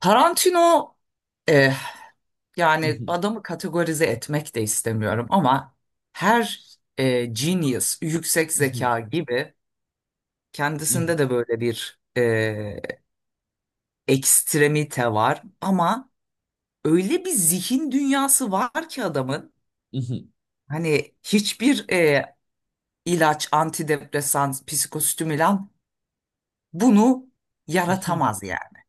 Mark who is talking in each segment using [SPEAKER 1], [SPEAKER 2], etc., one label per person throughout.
[SPEAKER 1] Tarantino, eh, yani
[SPEAKER 2] Mhm,
[SPEAKER 1] adamı kategorize etmek de istemiyorum ama her genius, yüksek
[SPEAKER 2] mhm,
[SPEAKER 1] zeka gibi
[SPEAKER 2] mhm,
[SPEAKER 1] kendisinde de böyle bir ekstremite var ama öyle bir zihin dünyası var ki adamın
[SPEAKER 2] mhm,
[SPEAKER 1] hani hiçbir ilaç, antidepresan, psikostimülan bunu
[SPEAKER 2] mhm.
[SPEAKER 1] yaratamaz yani.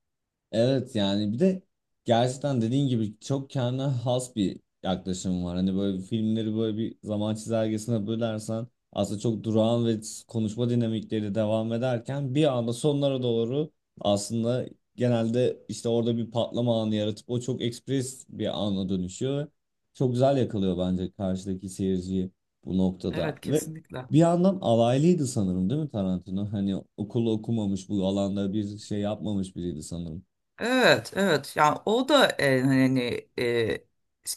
[SPEAKER 2] Evet, yani bir de gerçekten dediğin gibi çok kendine has bir yaklaşım var. Hani böyle filmleri böyle bir zaman çizelgesine bölersen aslında çok durağan ve konuşma dinamikleri devam ederken bir anda sonlara doğru aslında genelde işte orada bir patlama anı yaratıp o çok ekspres bir ana dönüşüyor. Ve çok güzel yakalıyor bence karşıdaki seyirciyi bu noktada.
[SPEAKER 1] Evet,
[SPEAKER 2] Ve
[SPEAKER 1] kesinlikle.
[SPEAKER 2] bir yandan alaylıydı sanırım, değil mi Tarantino? Hani okulu okumamış, bu alanda bir şey yapmamış biriydi sanırım.
[SPEAKER 1] Evet, evet, yani o da hani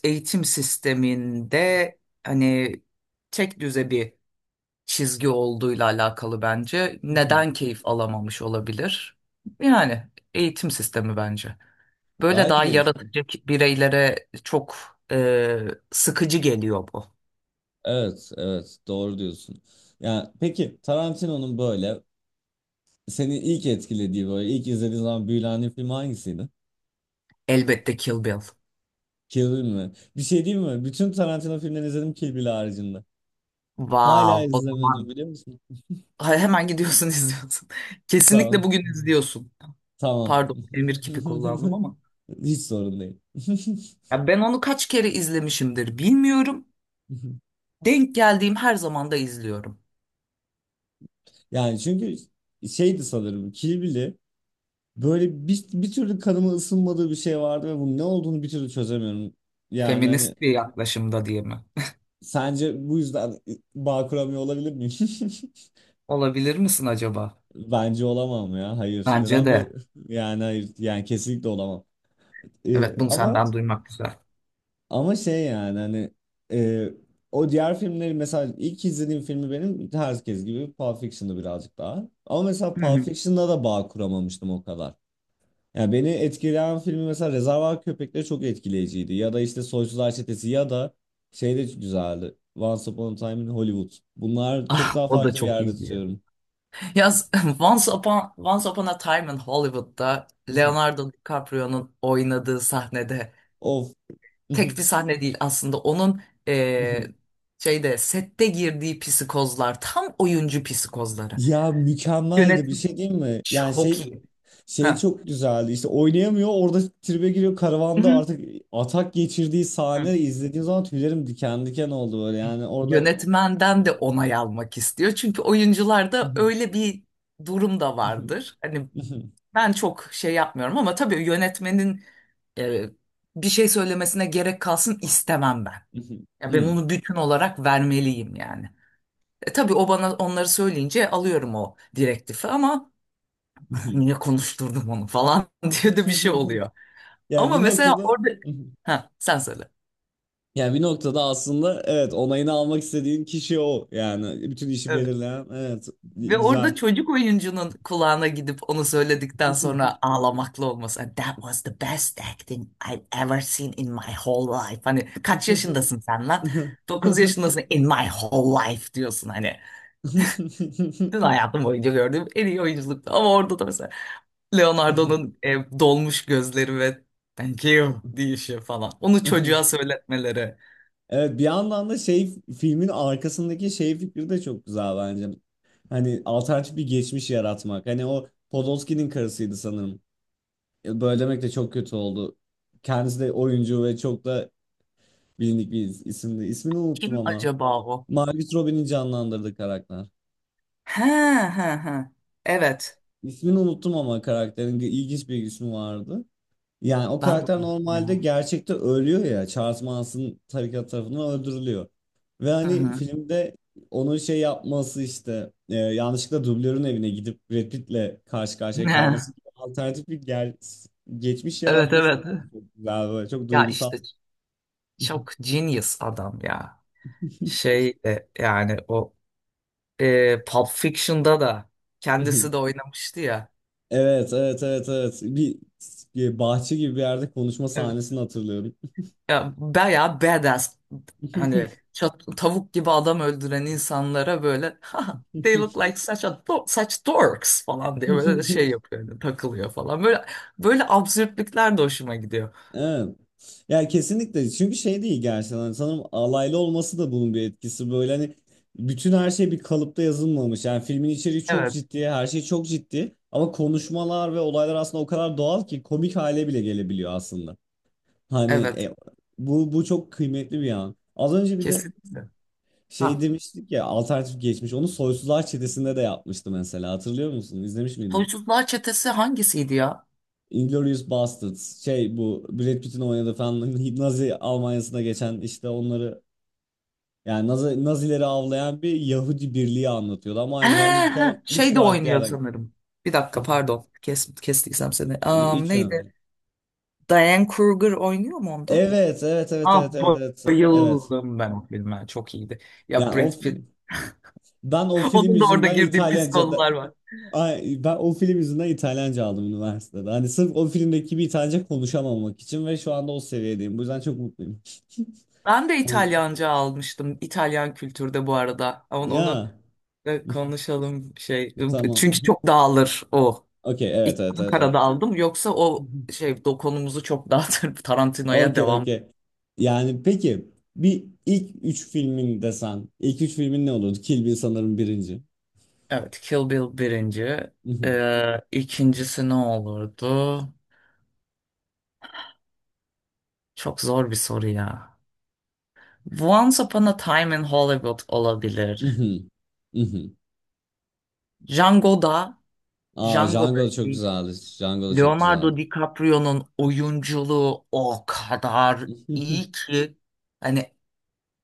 [SPEAKER 1] eğitim sisteminde, hani tek düze bir çizgi olduğuyla alakalı bence.
[SPEAKER 2] Hı hı.
[SPEAKER 1] Neden keyif alamamış olabilir? Yani eğitim sistemi bence. Böyle
[SPEAKER 2] Belki
[SPEAKER 1] daha
[SPEAKER 2] de işte.
[SPEAKER 1] yaratıcı bireylere çok sıkıcı geliyor bu.
[SPEAKER 2] Evet, evet, doğru diyorsun. Ya peki Tarantino'nun böyle seni ilk etkilediği, böyle ilk izlediğin zaman büyülendiğin film hangisiydi?
[SPEAKER 1] Elbette Kill Bill.
[SPEAKER 2] Kill Bill mi? Bir şey diyeyim mi? Bütün Tarantino filmlerini izledim, Kill Bill haricinde. Hala
[SPEAKER 1] Wow, o
[SPEAKER 2] izlemedim,
[SPEAKER 1] zaman.
[SPEAKER 2] biliyor musun?
[SPEAKER 1] Ha, hemen gidiyorsun izliyorsun. Kesinlikle
[SPEAKER 2] Tamam.
[SPEAKER 1] bugün izliyorsun.
[SPEAKER 2] Tamam.
[SPEAKER 1] Pardon, emir kipi kullandım ama.
[SPEAKER 2] Hiç sorun değil.
[SPEAKER 1] Ya, ben onu kaç kere izlemişimdir bilmiyorum. Denk geldiğim her zaman da izliyorum.
[SPEAKER 2] Yani çünkü şeydi sanırım Kill Bill'i, böyle bir türlü kanıma ısınmadığı bir şey vardı ve bunun ne olduğunu bir türlü çözemiyorum. Yani hani.
[SPEAKER 1] Feminist bir yaklaşımda diye mi?
[SPEAKER 2] Sence bu yüzden bağ kuramıyor olabilir miyim?
[SPEAKER 1] Olabilir misin acaba?
[SPEAKER 2] Bence olamam ya. Hayır.
[SPEAKER 1] Bence
[SPEAKER 2] Neden böyle?
[SPEAKER 1] de.
[SPEAKER 2] Yani hayır. Yani kesinlikle olamam.
[SPEAKER 1] Evet, bunu
[SPEAKER 2] Ama
[SPEAKER 1] senden duymak güzel.
[SPEAKER 2] şey yani hani, e, o diğer filmleri mesela ilk izlediğim filmi benim herkes gibi Pulp Fiction'dı, birazcık daha. Ama mesela
[SPEAKER 1] Hı
[SPEAKER 2] Pulp
[SPEAKER 1] hı.
[SPEAKER 2] Fiction'da da bağ kuramamıştım o kadar. Ya, beni etkileyen filmi mesela Rezervuar Köpekleri çok etkileyiciydi. Ya da işte Soysular Çetesi, ya da şey de güzeldi. Once Upon a Time in Hollywood. Bunlar çok
[SPEAKER 1] Ah,
[SPEAKER 2] daha
[SPEAKER 1] o da
[SPEAKER 2] farklı bir
[SPEAKER 1] çok
[SPEAKER 2] yerde
[SPEAKER 1] iyi diyor.
[SPEAKER 2] tutuyorum.
[SPEAKER 1] Ya, Once Upon a Time in Hollywood'da Leonardo DiCaprio'nun oynadığı sahnede
[SPEAKER 2] Of.
[SPEAKER 1] tek bir sahne değil aslında onun şeyde sette girdiği psikozlar tam oyuncu psikozları.
[SPEAKER 2] Ya, mükemmeldi bir
[SPEAKER 1] Yönetim
[SPEAKER 2] şey, değil mi? Yani
[SPEAKER 1] çok
[SPEAKER 2] şey
[SPEAKER 1] iyi.
[SPEAKER 2] şey
[SPEAKER 1] Ha.
[SPEAKER 2] çok güzeldi. İşte oynayamıyor orada, tribe giriyor
[SPEAKER 1] Hı
[SPEAKER 2] karavanda
[SPEAKER 1] hı.
[SPEAKER 2] artık atak geçirdiği
[SPEAKER 1] Hı.
[SPEAKER 2] sahne, izlediğim zaman tüylerim diken diken oldu, böyle yani orada
[SPEAKER 1] Yönetmenden de onay almak istiyor. Çünkü oyuncularda öyle bir durum da vardır. Hani ben çok şey yapmıyorum ama tabii yönetmenin e, bir şey söylemesine gerek kalsın istemem ben. Ya, ben onu bütün olarak vermeliyim yani. E, tabii o bana onları söyleyince alıyorum o direktifi ama niye konuşturdum onu falan diye de bir şey oluyor.
[SPEAKER 2] Yani
[SPEAKER 1] Ama
[SPEAKER 2] bir
[SPEAKER 1] mesela
[SPEAKER 2] noktada
[SPEAKER 1] orada... Ha, sen söyle.
[SPEAKER 2] yani bir noktada aslında evet, onayını almak istediğin kişi o. Yani bütün işi belirleyen, evet,
[SPEAKER 1] Ve
[SPEAKER 2] güzel.
[SPEAKER 1] orada çocuk oyuncunun kulağına gidip onu söyledikten sonra ağlamaklı olması. "And that was the best acting I've ever seen in my whole life." Hani kaç yaşındasın sen lan? 9 yaşındasın, in my whole life diyorsun hani. Bütün hayatım boyunca gördüğüm en iyi oyunculuktu. Ama orada da mesela Leonardo'nun dolmuş gözleri ve thank you deyişi falan. Onu çocuğa söyletmeleri.
[SPEAKER 2] Evet, bir yandan da şey, filmin arkasındaki şey fikri de çok güzel bence. Hani alternatif bir geçmiş yaratmak. Hani o Podolski'nin karısıydı sanırım. Böyle demek de çok kötü oldu. Kendisi de oyuncu ve çok da bilindik bir isimdi. İsmini unuttum
[SPEAKER 1] Kim
[SPEAKER 2] ama.
[SPEAKER 1] acaba o?
[SPEAKER 2] Margot Robbie'nin canlandırdığı karakter.
[SPEAKER 1] He he he. Evet.
[SPEAKER 2] İsmini unuttum ama karakterin ilginç bir ismi vardı. Yani o
[SPEAKER 1] Ben de
[SPEAKER 2] karakter
[SPEAKER 1] onu
[SPEAKER 2] normalde
[SPEAKER 1] ya.
[SPEAKER 2] gerçekte ölüyor ya. Charles Manson tarikat tarafından öldürülüyor. Ve
[SPEAKER 1] Hı
[SPEAKER 2] hani
[SPEAKER 1] hı.
[SPEAKER 2] filmde onun şey yapması işte, yanlışlıkla dublörün evine gidip Brad Pitt'le karşı karşıya kalması gibi alternatif bir geçmiş
[SPEAKER 1] Evet,
[SPEAKER 2] yaratması da
[SPEAKER 1] evet.
[SPEAKER 2] bence çok güzel, böyle çok
[SPEAKER 1] Ya
[SPEAKER 2] duygusal.
[SPEAKER 1] işte çok genius adam ya. Şey yani o Pulp Fiction'da da kendisi de oynamıştı ya.
[SPEAKER 2] Evet evet evet evet, bir bahçe gibi bir yerde konuşma
[SPEAKER 1] Evet.
[SPEAKER 2] sahnesini hatırlıyorum.
[SPEAKER 1] Ya, bayağı badass. Hani tavuk gibi adam öldüren insanlara böyle "Ha, they look like such dorks" falan diye böyle de şey yapıyor. Hani takılıyor falan. Böyle böyle absürtlükler de hoşuma gidiyor.
[SPEAKER 2] Evet. Ya kesinlikle, çünkü şey değil gerçekten. Hani sanırım alaylı olması da bunun bir etkisi, böyle hani bütün her şey bir kalıpta yazılmamış yani. Filmin içeriği çok
[SPEAKER 1] Evet.
[SPEAKER 2] ciddi, her şey çok ciddi ama konuşmalar ve olaylar aslında o kadar doğal ki komik hale bile gelebiliyor aslında, hani
[SPEAKER 1] Evet.
[SPEAKER 2] bu çok kıymetli bir an. Az önce bir de
[SPEAKER 1] Kesinlikle.
[SPEAKER 2] şey
[SPEAKER 1] Ha,
[SPEAKER 2] demiştik ya, alternatif geçmiş, onu Soysuzlar Çetesi'nde de yapmıştı mesela, hatırlıyor musun? İzlemiş miydin?
[SPEAKER 1] Huysuzlar Çetesi hangisiydi ya?
[SPEAKER 2] Inglourious Basterds şey, bu Brad Pitt'in oynadığı falan, Nazi Almanya'sına geçen, işte onları, yani Nazileri avlayan bir Yahudi birliği anlatıyordu, ama
[SPEAKER 1] Ha,
[SPEAKER 2] aynı zamanda hikaye
[SPEAKER 1] ha.
[SPEAKER 2] 3
[SPEAKER 1] Şey de
[SPEAKER 2] farklı
[SPEAKER 1] oynuyor
[SPEAKER 2] yerden
[SPEAKER 1] sanırım. Bir dakika, pardon. Kestiysem seni.
[SPEAKER 2] hiç
[SPEAKER 1] Neydi?
[SPEAKER 2] önemli.
[SPEAKER 1] Diane Kruger oynuyor mu onda?
[SPEAKER 2] Evet, evet, evet, evet,
[SPEAKER 1] Ah,
[SPEAKER 2] evet, evet, evet.
[SPEAKER 1] bayıldım ben o filme. Çok iyiydi. Ya
[SPEAKER 2] Yani o
[SPEAKER 1] Brad Pitt.
[SPEAKER 2] film- ben o film
[SPEAKER 1] Onun da orada
[SPEAKER 2] yüzünden
[SPEAKER 1] girdiği pis
[SPEAKER 2] İtalyanca da
[SPEAKER 1] konular var.
[SPEAKER 2] Ay, ben o film yüzünden İtalyanca aldım üniversitede. Hani sırf o filmdeki bir İtalyanca konuşamamak için, ve şu anda o seviyedeyim. Bu yüzden çok mutluyum.
[SPEAKER 1] Ben de
[SPEAKER 2] Hani,
[SPEAKER 1] İtalyanca almıştım. İtalyan kültürde bu arada. Onu
[SPEAKER 2] ya
[SPEAKER 1] konuşalım şey.
[SPEAKER 2] tamam.
[SPEAKER 1] Çünkü çok dağılır o.
[SPEAKER 2] Okey, evet evet
[SPEAKER 1] İtalyan
[SPEAKER 2] evet evet.
[SPEAKER 1] karada aldım. Yoksa
[SPEAKER 2] Hı
[SPEAKER 1] o
[SPEAKER 2] hı.
[SPEAKER 1] şey dokunumuzu çok dağıtır. Tarantino'ya
[SPEAKER 2] Okey,
[SPEAKER 1] devam.
[SPEAKER 2] okey. Yani peki bir ilk üç filmin desen, ilk üç filmin ne olurdu? Kill Bill sanırım birinci.
[SPEAKER 1] Evet, Kill Bill birinci.
[SPEAKER 2] Mhm,
[SPEAKER 1] İkincisi ne olurdu? Çok zor bir soru ya. Once Upon a Time in Hollywood olabilir.
[SPEAKER 2] mhm, mhm.
[SPEAKER 1] Django'da,
[SPEAKER 2] Aa,
[SPEAKER 1] Django'da
[SPEAKER 2] Django da çok
[SPEAKER 1] şey,
[SPEAKER 2] güzeldi. Django da çok güzeldi.
[SPEAKER 1] Leonardo DiCaprio'nun oyunculuğu o kadar iyi ki hani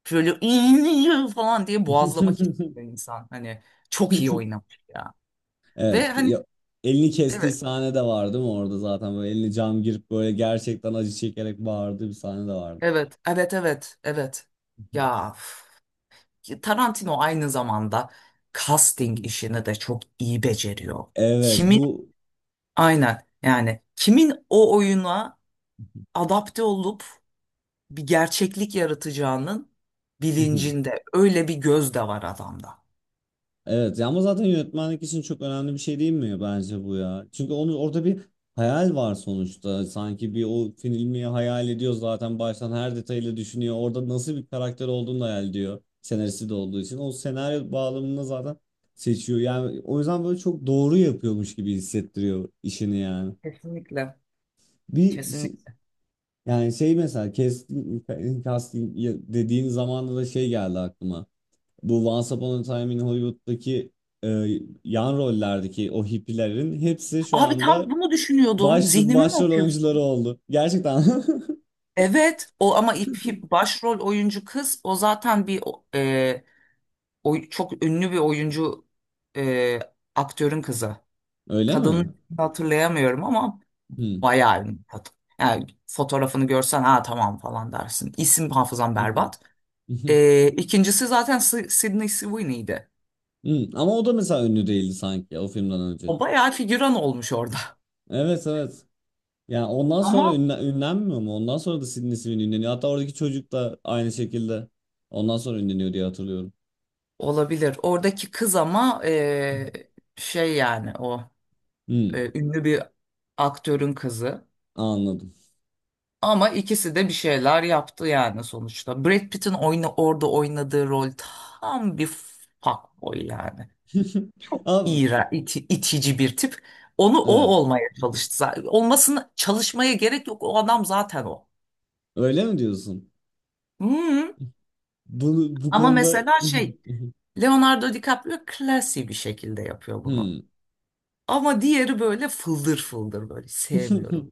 [SPEAKER 1] şöyle "İyi" falan diye boğazlamak istiyor insan. Hani çok iyi oynamış ya. Ve
[SPEAKER 2] Evet.
[SPEAKER 1] hani
[SPEAKER 2] Elini kestiği
[SPEAKER 1] evet,
[SPEAKER 2] sahne de vardı mı orada zaten, böyle elini cam girip böyle gerçekten acı çekerek bağırdığı bir sahne de vardı.
[SPEAKER 1] evet, evet, evet, evet. Ya, üf. Tarantino aynı zamanda casting işini de çok iyi beceriyor.
[SPEAKER 2] Evet
[SPEAKER 1] Kimin,
[SPEAKER 2] bu
[SPEAKER 1] aynen yani kimin o oyuna adapte olup bir gerçeklik yaratacağının bilincinde. Öyle bir göz de var adamda.
[SPEAKER 2] Evet, ya ama zaten yönetmenlik için çok önemli bir şey değil mi bence bu ya? Çünkü onu orada bir hayal var sonuçta. Sanki bir o filmi hayal ediyor zaten, baştan her detayıyla düşünüyor. Orada nasıl bir karakter olduğunu da hayal ediyor. Senaristi de olduğu için. O senaryo bağlamında zaten seçiyor. Yani o yüzden böyle çok doğru yapıyormuş gibi hissettiriyor işini yani.
[SPEAKER 1] Kesinlikle.
[SPEAKER 2] Bir şey-
[SPEAKER 1] Kesinlikle.
[SPEAKER 2] Yani şey, mesela casting dediğin zamanda da şey geldi aklıma. Bu Once Upon a Time in Hollywood'daki e, yan rollerdeki o hippilerin hepsi şu
[SPEAKER 1] Abi,
[SPEAKER 2] anda
[SPEAKER 1] tam bunu düşünüyordum. Zihnimi mi
[SPEAKER 2] başrol oyuncuları
[SPEAKER 1] okuyorsun?
[SPEAKER 2] oldu. Gerçekten.
[SPEAKER 1] Evet o ama başrol oyuncu kız o zaten bir o- e, oy- çok ünlü bir oyuncu e, aktörün kızı.
[SPEAKER 2] Öyle
[SPEAKER 1] Kadını
[SPEAKER 2] mi?
[SPEAKER 1] hatırlayamıyorum ama
[SPEAKER 2] Hmm.
[SPEAKER 1] bayağı ünlü kadın. Yani fotoğrafını görsen ha tamam falan dersin. İsim hafızam
[SPEAKER 2] Mhm.
[SPEAKER 1] berbat.
[SPEAKER 2] Mhm.
[SPEAKER 1] E, ikincisi zaten Sydney Sweeney'di.
[SPEAKER 2] Hmm. Ama o da mesela ünlü değildi sanki o filmden önce.
[SPEAKER 1] O bayağı figüran olmuş orada.
[SPEAKER 2] Evet evet. Yani ondan sonra
[SPEAKER 1] Ama
[SPEAKER 2] ünlenmiyor mu? Ondan sonra da Sidney Sweeney ünleniyor. Hatta oradaki çocuk da aynı şekilde ondan sonra ünleniyor diye hatırlıyorum.
[SPEAKER 1] olabilir. Oradaki kız ama şey yani o
[SPEAKER 2] Hmm,
[SPEAKER 1] ünlü bir aktörün kızı.
[SPEAKER 2] anladım.
[SPEAKER 1] Ama ikisi de bir şeyler yaptı yani sonuçta. Brad Pitt'in orada oynadığı rol tam bir fuckboy yani. Çok
[SPEAKER 2] Abi,
[SPEAKER 1] iğrenç, itici bir tip. Onu o
[SPEAKER 2] evet.
[SPEAKER 1] olmaya çalıştı zaten. Olmasını çalışmaya gerek yok. O adam zaten o.
[SPEAKER 2] Öyle mi diyorsun?
[SPEAKER 1] Hı.
[SPEAKER 2] Bunu bu
[SPEAKER 1] Ama
[SPEAKER 2] konuda
[SPEAKER 1] mesela şey, Leonardo DiCaprio klasi bir şekilde yapıyor bunu.
[SPEAKER 2] Hmm.
[SPEAKER 1] Ama diğeri böyle fıldır fıldır, böyle sevmiyorum.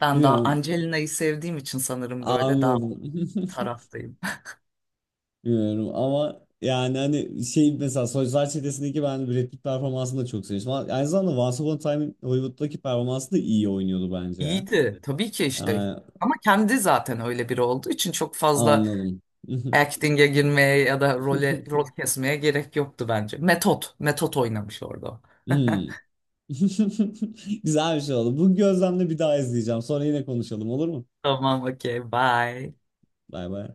[SPEAKER 1] Ben daha
[SPEAKER 2] Bilmiyorum.
[SPEAKER 1] Angelina'yı sevdiğim için sanırım böyle daha o
[SPEAKER 2] Anladım.
[SPEAKER 1] taraftayım.
[SPEAKER 2] Bilmiyorum ama yani hani şey, mesela Soyuzlar Çetesi'ndeki ben Brad Pitt performansını da çok sevmiştim. Ama aynı zamanda Once Upon a Time in Hollywood'daki performansı da iyi oynuyordu bence ya.
[SPEAKER 1] İyiydi tabii ki işte.
[SPEAKER 2] Yani,
[SPEAKER 1] Ama kendi zaten öyle biri olduğu için çok fazla
[SPEAKER 2] anladım.
[SPEAKER 1] acting'e girmeye ya da role rol kesmeye gerek yoktu bence. Metot oynamış orada. O.
[SPEAKER 2] Hmm. Güzel bir şey oldu. Bu gözlemle bir daha izleyeceğim. Sonra yine konuşalım, olur mu?
[SPEAKER 1] Tamam, okey, bye.
[SPEAKER 2] Bay bay.